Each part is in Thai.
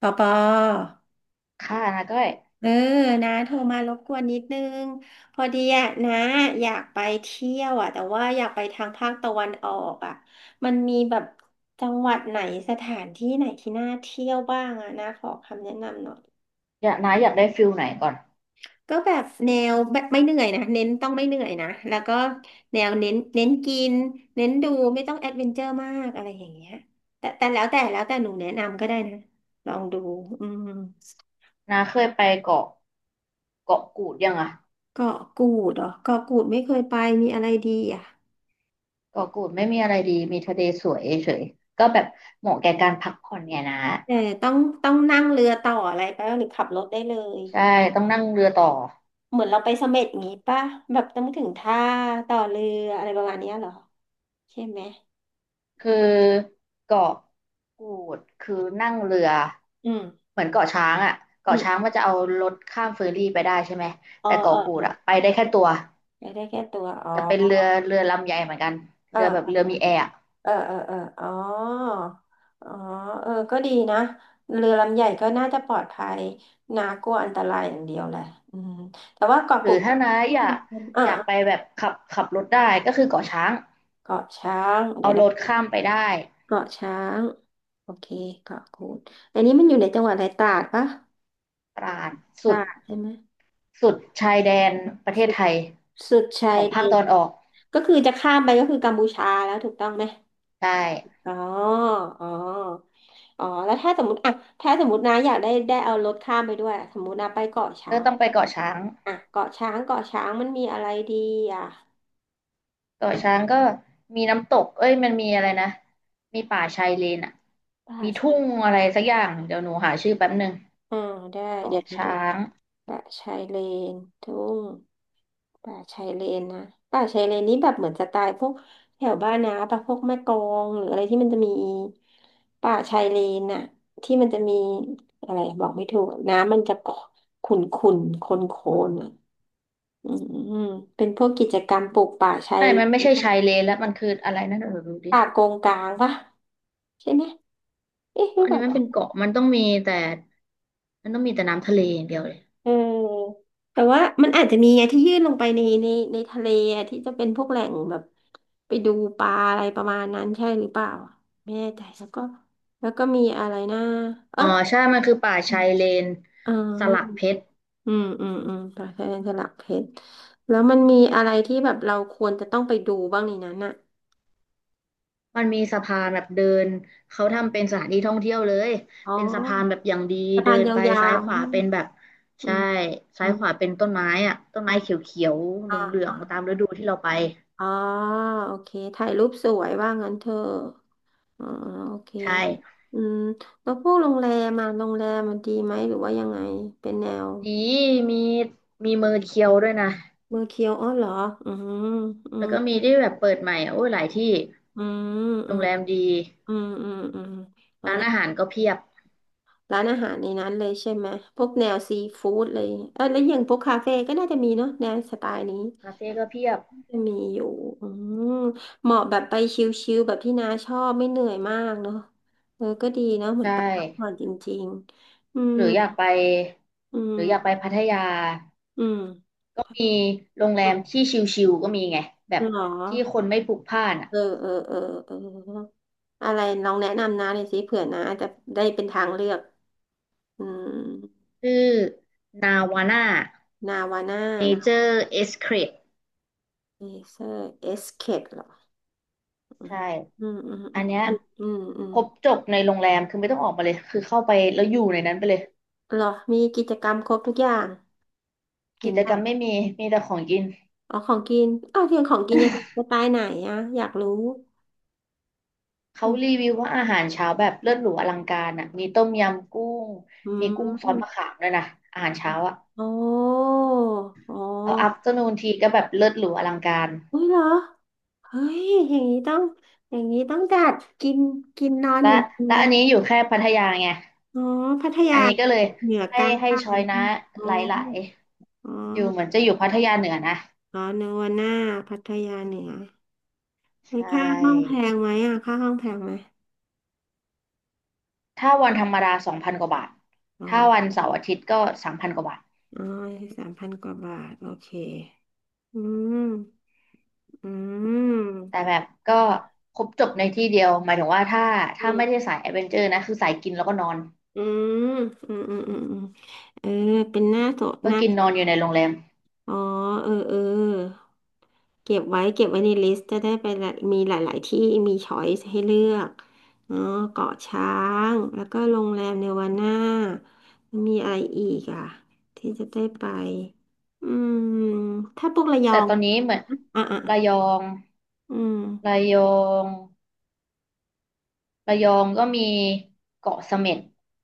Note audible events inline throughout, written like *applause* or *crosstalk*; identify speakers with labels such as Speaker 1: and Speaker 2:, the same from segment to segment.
Speaker 1: ปอปอ
Speaker 2: ค่ะนาก็อย
Speaker 1: เออนะโทรมารบกวนนิดนึงพอดีอะนะอยากไปเที่ยวอะแต่ว่าอยากไปทางภาคตะวันออกอะมันมีแบบจังหวัดไหนสถานที่ไหนที่น่าเที่ยวบ้างอะนะขอคำแนะนำหน่อย
Speaker 2: อยากนาอยากได้ฟิลไหนก่อน
Speaker 1: ก็แบบแนวแบบไม่เหนื่อยนะเน้นต้องไม่เหนื่อยนะแล้วก็แนวเน้นกินเน้นดูไม่ต้องแอดเวนเจอร์มากอะไรอย่างเงี้ยแล้วแต่หนูแนะนำก็ได้นะลองดูอืม
Speaker 2: นาเคยไปเกาะกูดยังอะ
Speaker 1: เกาะกูดเหรอเกาะกูดไม่เคยไปมีอะไรดีอ่ะ
Speaker 2: เกาะกูดไม่มีอะไรดีมีทะเลสวยเฉยก็แบบเหมาะแก่การพักผ่อนเนี่ยนะ
Speaker 1: แต่ต้องต้องนั่งเรือต่ออะไรไปปะหรือขับรถได้เลย
Speaker 2: ใช่ต้องนั่งเรือต่อ
Speaker 1: เหมือนเราไปเสม็ดงี้ป่ะแบบต้องถึงท่าต่อเรืออะไรประมาณเนี้ยเหรอใช่ไหมอื
Speaker 2: คือ
Speaker 1: ม
Speaker 2: เกาะกูดคือนั่งเรือ
Speaker 1: อืม
Speaker 2: เหมือนเกาะช้างอะ
Speaker 1: อื
Speaker 2: เกาะช้างมั
Speaker 1: ม
Speaker 2: นจะเอารถข้ามเฟอร์รี่ไปได้ใช่ไหมแต่
Speaker 1: เอ
Speaker 2: เกาะ
Speaker 1: อ
Speaker 2: กู
Speaker 1: เอ
Speaker 2: ด
Speaker 1: อ
Speaker 2: อะไปได้แค่ตัว
Speaker 1: อยากได้แค่ตัวอ๋อ
Speaker 2: แต่เป็นเรือลำใหญ่เหมือนกัน
Speaker 1: เอ
Speaker 2: เรือแบบเรื
Speaker 1: อ
Speaker 2: อมีแอร์
Speaker 1: เออเออเอออ๋ออ๋อเออก็ดีนะเรือลำใหญ่ก็น่าจะปลอดภัยนากลัวอันตรายอย่างเดียวแหละอืมแต่ว่าเกาะ
Speaker 2: ห
Speaker 1: กู
Speaker 2: รือ
Speaker 1: ดก็
Speaker 2: ถ้าน้าอยาก
Speaker 1: *laughs* อ่า
Speaker 2: อยากไปแบบขับรถได้ก็คือเกาะช้าง
Speaker 1: เกาะช้างเดี๋ย
Speaker 2: เอา
Speaker 1: ว
Speaker 2: ร
Speaker 1: นะ
Speaker 2: ถข้ามไปได้
Speaker 1: เกาะช้างโอเคเกาะกูดอันนี้มันอยู่ในจังหวัดอะไรตราดปะ
Speaker 2: ตราด
Speaker 1: ต
Speaker 2: สุ
Speaker 1: รา
Speaker 2: ด
Speaker 1: ดใช่ไหม
Speaker 2: สุดชายแดนประเท
Speaker 1: สุ
Speaker 2: ศ
Speaker 1: ด
Speaker 2: ไทย
Speaker 1: สุดชา
Speaker 2: ข
Speaker 1: ย
Speaker 2: อง
Speaker 1: แด
Speaker 2: ภาคต
Speaker 1: น
Speaker 2: อนออก
Speaker 1: ก็คือจะข้ามไปก็คือกัมพูชาแล้วถูกต้องไหม
Speaker 2: ใช่
Speaker 1: อ๋ออ๋ออ๋อแล้วถ้าสมมติอ่ะถ้าสมมตินะอยากได้เอารถข้ามไปด้วยสมมตินะไปเกาะช้า
Speaker 2: ก็
Speaker 1: ง
Speaker 2: ต้องไปเกาะช้าง
Speaker 1: อ่ะเกาะช้างมันมีอะไรดีอ่ะ
Speaker 2: เกาะช้างก็มีน้ำตกเอ้ยมันมีอะไรนะมีป่าชายเลนอ่ะ
Speaker 1: ป่า
Speaker 2: มีทุ่
Speaker 1: ชาย
Speaker 2: งอะไรสักอย่างเดี๋ยวหนูหาชื่อแป๊บหนึ่ง
Speaker 1: อ่าได้เดี๋
Speaker 2: เกาะ
Speaker 1: ยวนะ
Speaker 2: ช้าง
Speaker 1: ป่าชายเลนทุ่งป่าชายเลนนะป่าชายเลนนี้แบบเหมือนสไตล์พวกแถวบ้านนะป่ะพวกแม่กลองหรืออะไรที่มันจะมีป่าชายเลนน่ะที่มันจะมีอะไรบอกไม่ถูกน้ำมันจะขุ่นขุ่นโคลนโคลนอ่ะอืมเป็นพวกกิจกรรมปลูกป่าชาย
Speaker 2: ใช่
Speaker 1: เล
Speaker 2: มันไม่
Speaker 1: น
Speaker 2: ใช่ชายเลนแล้วมันคืออะไรนะเดี๋ยวหนูดูดิ
Speaker 1: ป่ากงกลางป่ะใช่ไหมเอ๊ะ
Speaker 2: เพ
Speaker 1: หรื
Speaker 2: ราะ
Speaker 1: อ
Speaker 2: อัน
Speaker 1: เป
Speaker 2: นี้
Speaker 1: ล่า
Speaker 2: มันเป็นเกาะมันต้องมีแต่น้ำทะเลอย่างเดียวเลย
Speaker 1: เออแต่ว่ามันอาจจะมีไงที่ยื่นลงไปในในทะเลอะที่จะเป็นพวกแหล่งแบบไปดูปลาอะไรประมาณนั้นใช่หรือเปล่าอะไม่แน่ใจแล้วก็แล้วก็มีอะไรนะเออ
Speaker 2: อ๋อใช่มันคือป่าชายเลน
Speaker 1: อ๋
Speaker 2: สลักเพ
Speaker 1: อ
Speaker 2: ชร
Speaker 1: อืมอืมอืมปลาแค่สลักเพชรแล้วมันมีอะไรที่แบบเราควรจะต้องไปดูบ้างในนั้นอ่ะ
Speaker 2: มันมีสะพานแบบเดินเขาทำเป็นสถานที่ท่องเที่ยวเลย
Speaker 1: อ๋อ
Speaker 2: เป็นสะพานแบบอย่างดี
Speaker 1: สะ
Speaker 2: เดิ
Speaker 1: พาน
Speaker 2: นไป
Speaker 1: ยา
Speaker 2: ซ้าย
Speaker 1: ว
Speaker 2: ขวาเป็นแบบ
Speaker 1: ๆอื
Speaker 2: ใช่
Speaker 1: มอื
Speaker 2: ซ้าย
Speaker 1: ม
Speaker 2: ขวาเป็นต้นไม้อะต้น
Speaker 1: อ่า
Speaker 2: ไม้เขียวๆเห
Speaker 1: อ่า
Speaker 2: ลือ
Speaker 1: อา
Speaker 2: งๆตามฤดูที่เราไป
Speaker 1: อ๋อโอเคถ่ายรูปสวยว่างั้นเถอะ อ่าโอเค
Speaker 2: ใช่
Speaker 1: อืมแล้วพวกโรงแรมโรงแรมมันดีไหมหรือว่ายังไง เป็นแนว
Speaker 2: ดีมีมีเมอร์เคียวด้วยนะ
Speaker 1: เมือร์เคียวอ๋อเหรออืมอื
Speaker 2: แล้วก็มี
Speaker 1: ม
Speaker 2: ที่แบบเปิดใหม่อะโอ้ยหลายที่
Speaker 1: อืมอื
Speaker 2: โรง
Speaker 1: ม
Speaker 2: แรมดี
Speaker 1: อืมอืมอืมแล้ว
Speaker 2: ร้าน
Speaker 1: นะ
Speaker 2: อาหารก็เพียบ
Speaker 1: ร้านอาหารในนั้นเลยใช่ไหมพวกแนวซีฟู้ดเลยเออแล้วอย่างพวกคาเฟ่ก็น่าจะมีเนาะแนวสไตล์นี้
Speaker 2: คาเฟ่ก็เพียบ
Speaker 1: จะมีอยู่อืมเหมาะแบบไปชิลๆแบบที่น้าชอบไม่เหนื่อยมากเนาะเออก็ดีเนาะเหมือน
Speaker 2: ใช่
Speaker 1: ไปพักผ่อนจริงๆอืม
Speaker 2: หรืออยากไป
Speaker 1: อื
Speaker 2: หรืออยากไป
Speaker 1: ม
Speaker 2: พัทยา
Speaker 1: อืม
Speaker 2: มีโรงแรมที่ชิลๆก็มีไงแบบ
Speaker 1: เหรอ
Speaker 2: ที่คนไม่พลุกพล่านอ่ะ
Speaker 1: เออเออเออเอออะไรลองแนะนำนะเลยสิเผื่อนะจะได้เป็นทางเลือกอืม
Speaker 2: ชื่อนาวาน่า
Speaker 1: นาวาน่า
Speaker 2: เน
Speaker 1: นะ
Speaker 2: เจอร์เอสเครด
Speaker 1: เอเซอร์เอสเคดเหรออื
Speaker 2: ใช่
Speaker 1: มอืมอืม
Speaker 2: อั
Speaker 1: อื
Speaker 2: น
Speaker 1: ม
Speaker 2: เนี้ย
Speaker 1: อันอืมอื
Speaker 2: ค
Speaker 1: ม
Speaker 2: รบจบในโรงแรมคือไม่ต้องออกมาเลยคือเข้าไปแล้วอยู่ในนั้นไปเลย
Speaker 1: เหรอมีกิจกรรมครบทุกอย่างอ
Speaker 2: กิ
Speaker 1: ย่าง
Speaker 2: จ
Speaker 1: เงี้
Speaker 2: ก
Speaker 1: ย
Speaker 2: รรมไม่มีมีแต่ของกิน
Speaker 1: อ๋อของกินอ้าวเพียงของกินยังไงสไตล์ไหนอะอยากรู้
Speaker 2: เขา
Speaker 1: อื
Speaker 2: รี
Speaker 1: ม
Speaker 2: วิวว่าอาหารเช้าแบบเลิศหรูอลังการอ่ะมีต้มยำกุ้งมีกุ้งซอสมะขามด้วยนะอาหารเช้าอ่ะ
Speaker 1: อ๋ออ๋
Speaker 2: เอาอัฟ
Speaker 1: อ
Speaker 2: เตอร์นูนทีก็แบบเลิศหรูอลังการ
Speaker 1: อุ้ยเหรอเฮ้ยอย่างนี้ต้องอย่างนี้ต้องจัดกินกินนอนอยู่
Speaker 2: และ
Speaker 1: ในโรง
Speaker 2: และ
Speaker 1: แร
Speaker 2: อัน
Speaker 1: ม
Speaker 2: นี้อยู่แค่พัทยาไง
Speaker 1: อ๋อพัท
Speaker 2: อั
Speaker 1: ยา
Speaker 2: นนี้ก็เลย
Speaker 1: เหนือก
Speaker 2: ให้
Speaker 1: ลาง
Speaker 2: ให้
Speaker 1: ใต้
Speaker 2: ช้
Speaker 1: อะ
Speaker 2: อ
Speaker 1: ไร
Speaker 2: ย
Speaker 1: อย่า
Speaker 2: นะ
Speaker 1: งงี้อ๋อ
Speaker 2: หลาย
Speaker 1: อ๋
Speaker 2: ๆอยู่เหมือน
Speaker 1: อ
Speaker 2: จะอยู่พัทยาเหนือนะ
Speaker 1: อ๋อนึกว่าหน้าพัทยาเหนือ
Speaker 2: ใช
Speaker 1: เฮ้ยค่าห้องแพ
Speaker 2: ่
Speaker 1: ค่าห้องแพงไหม
Speaker 2: ถ้าวันธรรมดา2,000 กว่าบาท
Speaker 1: อ๋
Speaker 2: ถ้าวั
Speaker 1: อ
Speaker 2: นเสาร์อาทิตย์ก็3,000 กว่าบาท
Speaker 1: อ๋อสามพันกว่าบาทโอเคอืมอื
Speaker 2: แต่
Speaker 1: ม
Speaker 2: แบบก็ครบจบในที่เดียวหมายถึงว่าถ้า
Speaker 1: อื
Speaker 2: ถ้าไม่ได้
Speaker 1: ม
Speaker 2: สายแอดเวนเจอร์นะคือสายกินแล้วก็นอน
Speaker 1: อืมอืมอืมอืมเออเป็นหน้าโสดห
Speaker 2: ก็
Speaker 1: น้า
Speaker 2: กินนอนอยู่ในโรงแรม
Speaker 1: อ๋อเออเออเก็บไว้ เก็บไว้ในลิสต์จะได้ไปละมีหลาย ๆ ที่มีช้อยส์ให้เลือกเนาะเกาะช้าง แล้วก็โรงแรมเนวาน่ามีอะไรอีกอ่ะที่จะได้ไป อืม ถ้าพวกระยอ
Speaker 2: แต่
Speaker 1: ง
Speaker 2: ตอนนี้เหมือน
Speaker 1: อ่ะอ่ะ
Speaker 2: ระยอง
Speaker 1: อืม
Speaker 2: ระยองระยองก็มีเกาะเสม็ด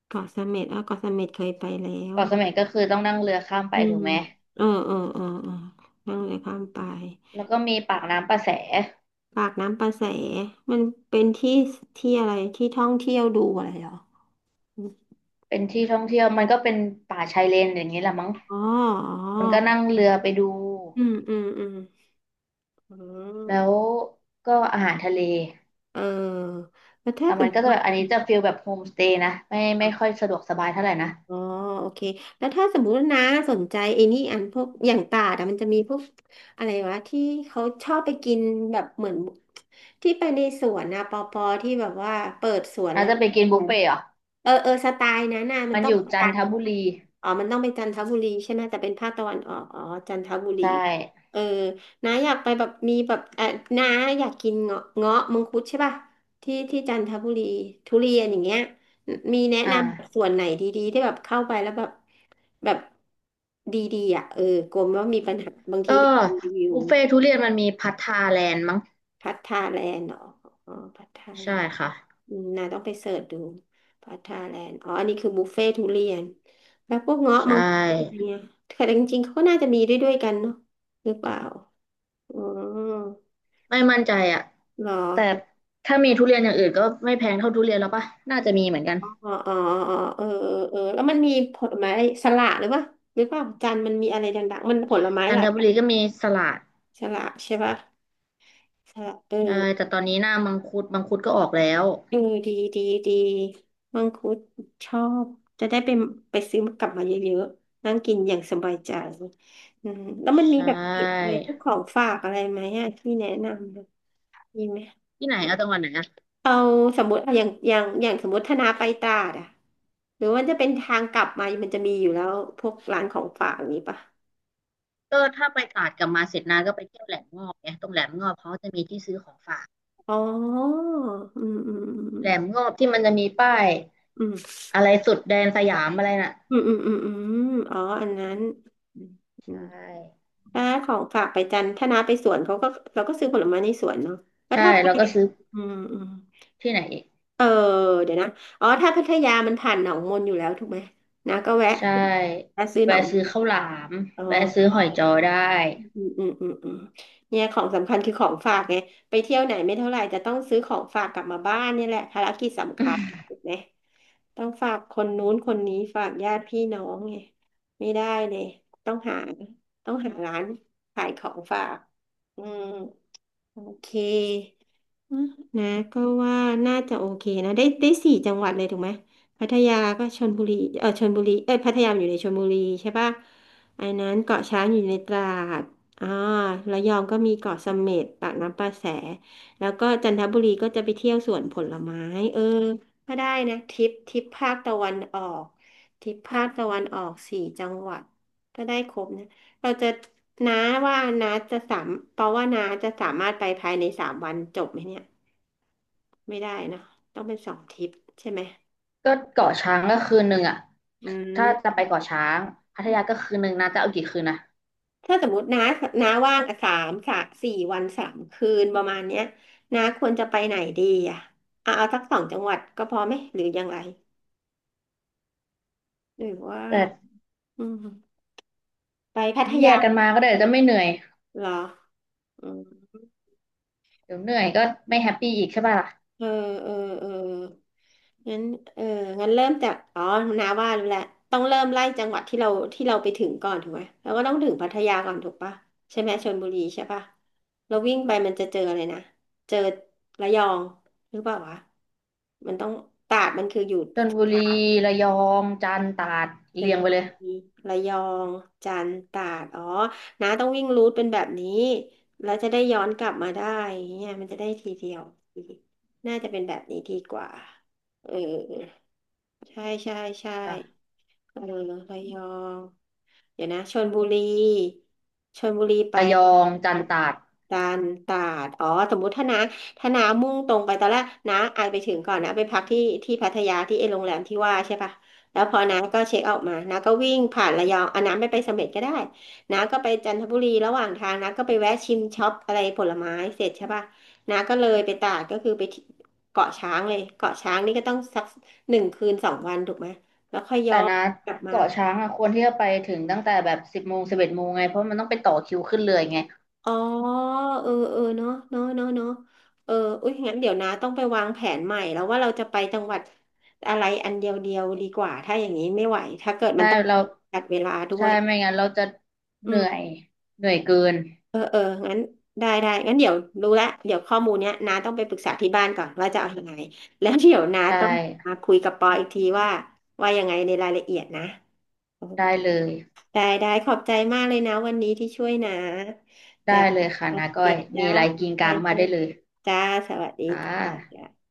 Speaker 1: เกาะเสม็ดอ่ะเกาะเสม็ดเคยไปแล้ว
Speaker 2: เกาะเสม็ดก็คือต้องนั่งเรือข้ามไป
Speaker 1: อื
Speaker 2: ถู
Speaker 1: ม
Speaker 2: กไหม
Speaker 1: เออเออเออเออนั่งเลยข้ามไป
Speaker 2: แล้วก็มีปากน้ำประแส
Speaker 1: ปากน้ำประแสมันเป็นที่อะไรที่ท่องเที่ยวดูอะไรเหรอ
Speaker 2: เป็นที่ท่องเที่ยวมันก็เป็นป่าชายเลนอย่างนี้แหละมั้ง
Speaker 1: อ๋ออ๋
Speaker 2: คนก็
Speaker 1: อ
Speaker 2: นั่งเรือไปดู
Speaker 1: อืมอืมอืมอื
Speaker 2: แล้ว
Speaker 1: ม
Speaker 2: ก็อาหารทะเล
Speaker 1: เออแล้วถ้า
Speaker 2: แต่
Speaker 1: ส
Speaker 2: มั
Speaker 1: ม
Speaker 2: นก็
Speaker 1: ม
Speaker 2: จะ
Speaker 1: ติว่
Speaker 2: แบบอัน
Speaker 1: า
Speaker 2: นี้จะฟีลแบบโฮมสเตย์นะไม่ค่อยสะดวกสบายเท่าไหร่นะ
Speaker 1: อ๋อโอเคแล้วถ้าสมมติว่านะสนใจไอ้นี่อันพวกอย่างตาดอะมันจะมีพวกอะไรวะที่เขาชอบไปกินแบบเหมือนที่ไปในสวนนะปอปอที่แบบว่าเปิดสวน
Speaker 2: น่า
Speaker 1: แล้ว
Speaker 2: จะไปกินบุฟเฟ่ต์เหรอ
Speaker 1: เออเออสไตล์นั้นน่ะมัน
Speaker 2: มัน
Speaker 1: ต้อ
Speaker 2: อ
Speaker 1: ง
Speaker 2: ยู่
Speaker 1: เป็น
Speaker 2: จั
Speaker 1: จั
Speaker 2: น
Speaker 1: น
Speaker 2: ท
Speaker 1: ทร์
Speaker 2: บุรี
Speaker 1: อ๋อมันต้องเป็นจันทบุรีใช่ไหมแต่เป็นภาคตะวันออกอ๋อ จันทบุรี
Speaker 2: ใช่
Speaker 1: เออน้าอยากไปแบบมีแบบเออน้าอยากกินเงาะมังคุดใช่ป่ะที่จันทบุรีทุเรียนอย่างเงี้ยมีแนะ
Speaker 2: อ่
Speaker 1: นำส่
Speaker 2: า
Speaker 1: วนไหนดีๆ ที่แบบเข้าไปแล้วแบบดีๆอ่ะเออกลัวว่ามีปัญหาบางที
Speaker 2: ก็
Speaker 1: เห็นรีวิว
Speaker 2: บุฟเฟ่ทุเรียนมันมีพัทธาแลนด์มั้ง
Speaker 1: พัทธาแลนด์เหรออ๋อพัทธาแล
Speaker 2: ใช่
Speaker 1: นด์
Speaker 2: ค่ะ
Speaker 1: อืมนาต้องไปเสิร์ชดูพัทาแลนด์อ๋ออันนี้คือบุฟเฟ่ทุเรียนแล้วพวกเงาะ
Speaker 2: ใช
Speaker 1: มังคุดอะไร
Speaker 2: ่
Speaker 1: เงี้ยแต่จริงๆเขาก็น่าจะมีด้วยกันเนาะหรือเปล่าอ๋อ
Speaker 2: ไม่มั่นใจอ่ะ
Speaker 1: เหรอ
Speaker 2: แต่ถ้ามีทุเรียนอย่างอื่นก็ไม่แพงเท่าทุเรียนแล้วปะน่าจะมีเหมือน
Speaker 1: อ
Speaker 2: กัน
Speaker 1: ๋ออ๋ออ๋อเออเออแล้วมันมีผลไม้สละหรือเปล่าหรือเปล่าจันมันมีอะไรดังๆมันผลไม้
Speaker 2: จั
Speaker 1: ห
Speaker 2: น
Speaker 1: ลา
Speaker 2: ท
Speaker 1: ยอ
Speaker 2: บุ
Speaker 1: ย่าง
Speaker 2: รีก็มีสลัด
Speaker 1: สละใช่ปะสละเออ
Speaker 2: ใช่แต่ตอนนี้หน้ามังคุดมังคุดก็ออกแล้ว
Speaker 1: เออดีดีดีมังคุดชอบจะได้ไปไปซื้อกลับมาเยอะๆนั่งกินอย่างสบายใจอืมแล้วมันมี
Speaker 2: ใช่
Speaker 1: แบบติดอะไรพวกของฝากอะไรไหมอะที่แนะนำอะมีไหม
Speaker 2: ที่ไหนเอาจังหวัดไหนอะ
Speaker 1: เอาสมมติอะอย่างสมมติธนาไปตราดอะหรือว่าจะเป็นทางกลับมามันจะมีอยู่แล้วพวกร้านของฝากอย่างนี้ปะ
Speaker 2: ก็ถ้าไปตราดกลับมาเสร็จนาก็ไปเที่ยวแหลมงอบไงตรงแหลมงอบเขาจะมีที่ซื้อของฝาก
Speaker 1: อ๋ออืมอื
Speaker 2: แหลม
Speaker 1: ม
Speaker 2: งอบที่มันจะมีป้าย
Speaker 1: อืม
Speaker 2: อะไรสุดแดนสยามอะไรน่ะ
Speaker 1: อืมอ๋ออันนั้นอื
Speaker 2: ใช่
Speaker 1: ม ถ้าของฝากไปจันทร์ถ้าน้าไปสวนเขาก็เราก็ซื้อผลไม้ในสวนเนาะแล้ว
Speaker 2: ใช่
Speaker 1: ถ้าไป
Speaker 2: แล้วก็ซื้อ
Speaker 1: อืม
Speaker 2: ที่ไหนอีก
Speaker 1: เออเดี๋ยวนะอ๋อถ้าพัทยามันผ่านหนองมนอยู่แล้วถูกไหมน้าก็แวะ
Speaker 2: ใช่
Speaker 1: แวะซื้อหน
Speaker 2: แวะ
Speaker 1: องม
Speaker 2: ซื้อ
Speaker 1: น
Speaker 2: ข้าวหลาม
Speaker 1: อ๋อ
Speaker 2: แวะซื้อหอยจอได้
Speaker 1: อืมเนี่ยของสำคัญคือของฝากไงไปเที่ยวไหนไม่เท่าไหร่จะต้องซื้อของฝากกลับมาบ้านเนี่ยแหละภารกิจสำคัญถูกไหมต้องฝากคนนู้นคนนี้ฝากญาติพี่น้องไงไม่ได้เลยต้องหาต้องหาร้านขายของฝากอืม โอเคอ่ะนะก็ว่าน่าจะโอเคนะได้ได้สี่จังหวัดเลยถูกไหมพัทยาก็ชลบุรีเออชลบุรีเอยพัทยาอยู่ในชลบุรีใช่ปะอันนั้นเกาะช้างอยู่ในตราดอ่าระยองก็มีเกาะเสม็ดปากน้ำประแสแล้วก็จันทบุรีก็จะไปเที่ยวสวนผลไม้เออก็ได้นะทริปภาคตะวันออกทริปภาคตะวันออกสี่จังหวัดก็ได้ครบนะ เราจะน้าว่าน้าจะสามเพราะว่าน้าจะสามารถไปภายในสามวันจบไหมเนี่ยไม่ได้เนอะต้องเป็นสองทริปใช่ไหม
Speaker 2: ก็เกาะช้างก็คืนหนึ่งอะ
Speaker 1: อื
Speaker 2: ถ้า
Speaker 1: ม
Speaker 2: จะไปเกาะช้างพัทยาก็คืนหนึ่งนะจะเอากี่คืนนะ
Speaker 1: ถ้าสมมติน้าน้าว่างสามสามสี่วันสามคืนประมาณเนี้ยน้าควรจะไปไหนดีอ่ะเอาเอาสักสองจังหวัดก็พอไหมหรือยังไงหรือว่า
Speaker 2: แต่
Speaker 1: อืมไปพัท
Speaker 2: แย
Speaker 1: ยา
Speaker 2: กกันมาก็ได้จะไม่เหนื่อย
Speaker 1: เหรออืม
Speaker 2: เดี๋ยวเหนื่อยก็ไม่แฮปปี้อีกใช่ป่ะล่ะ
Speaker 1: เออเออเอองั้นเอองั้นเริ่มจากอ๋อนาว่ารู้แล้วต้องเริ่มไล่จังหวัดที่เราไปถึงก่อนถูกไหมเราก็ต้องถึงพัทยาก่อนถูกปะใช่ไหมชลบุรีใช่ปะเราวิ่งไปมันจะเจออะไรนะเจอระยองหรือเปล่าวะมันต้องตราดมันคืออยู่
Speaker 2: ชลบุรีระยองจันทร์ตราด
Speaker 1: ช
Speaker 2: เรี
Speaker 1: ล
Speaker 2: ยง
Speaker 1: บุ
Speaker 2: ไปเล
Speaker 1: รี
Speaker 2: ย
Speaker 1: ระยองจันทร์ตราดอ๋อน้าต้องวิ่งรูทเป็นแบบนี้แล้วจะได้ย้อนกลับมาได้อย่างเนี่ยมันจะได้ทีเดียวน่าจะเป็นแบบนี้ดีกว่าเออใช่ใช่ใช่
Speaker 2: ค่ะ
Speaker 1: เออระยองเดี๋ยวนะชลบุรีไป
Speaker 2: ระยองจันทร์ตราด
Speaker 1: ตาลตาดอ๋อสมมุติถ้านะถ้านามุ่งตรงไปตอนแรกนะอายไปถึงก่อนนะไปพักที่พัทยาที่ไอ้โรงแรมที่ว่าใช่ปะแล้วพอนะก็เช็คเอาท์มานะก็วิ่งผ่านระยองอ่ะนะไม่ไปเสม็ดก็ได้นะก็ไปจันทบุรีระหว่างทางนะก็ไปแวะชิมช็อปอะไรผลไม้เสร็จใช่ปะนะก็เลยไปตาดก็คือไปที่เกาะช้างเลยเกาะช้างนี่ก็ต้องสักหนึ่งคืนสองวันถูกไหมแล้วค่อยย้
Speaker 2: แต่
Speaker 1: อน
Speaker 2: นะ
Speaker 1: กลับมา
Speaker 2: เกาะช้างอ่ะควรที่จะไปถึงตั้งแต่แบบ10 โมง11 โมงไงเพราะมันต้องไปต่อคิวขึ้นเรือไง
Speaker 1: อ๋อเออเออเนาะเนาะเนาะเนาะเอออุ้ยงั้นเดี๋ยวนะต้องไปวางแผนใหม่แล้วว่าเราจะไปจังหวัดอะไรอันเดียวดีกว่าถ้าอย่างนี้ไม่ไหวถ้าเกิดมั
Speaker 2: ใช่
Speaker 1: นต้อง
Speaker 2: เรา
Speaker 1: จัดเวลาด้ว
Speaker 2: ใช่
Speaker 1: ย
Speaker 2: ไม่งั้นเราจะเห
Speaker 1: อื
Speaker 2: นื่อ
Speaker 1: ม
Speaker 2: ยเหนื่อยเกิน
Speaker 1: เออเอองั้นได้ได้งั้นเดี๋ยวรู้ละเดี๋ยวข้อมูลเนี้ยน้าต้องไปปรึกษาที่บ้านก่อนว่าจะเอายังไงแล้วเดี๋ยวน้า
Speaker 2: ใช่
Speaker 1: ต้องมาคุยกับปออีกทีว่าว่ายังไงในรายละเอียดนะ
Speaker 2: ได้เลย
Speaker 1: ได้ได้ขอบใจมากเลยนะวันนี้ที่ช่วยนะจ้ะ
Speaker 2: ได้เลยค่ะ
Speaker 1: โอ
Speaker 2: นา
Speaker 1: เค
Speaker 2: ก้อย
Speaker 1: จ้า
Speaker 2: มีอะไร
Speaker 1: ขอ
Speaker 2: กิ
Speaker 1: บ
Speaker 2: นก
Speaker 1: ใจ
Speaker 2: ลางมา
Speaker 1: มา
Speaker 2: ได้
Speaker 1: ก
Speaker 2: เลย
Speaker 1: จ้าสวัสดี
Speaker 2: ค่
Speaker 1: จ้า
Speaker 2: ะ
Speaker 1: จ้า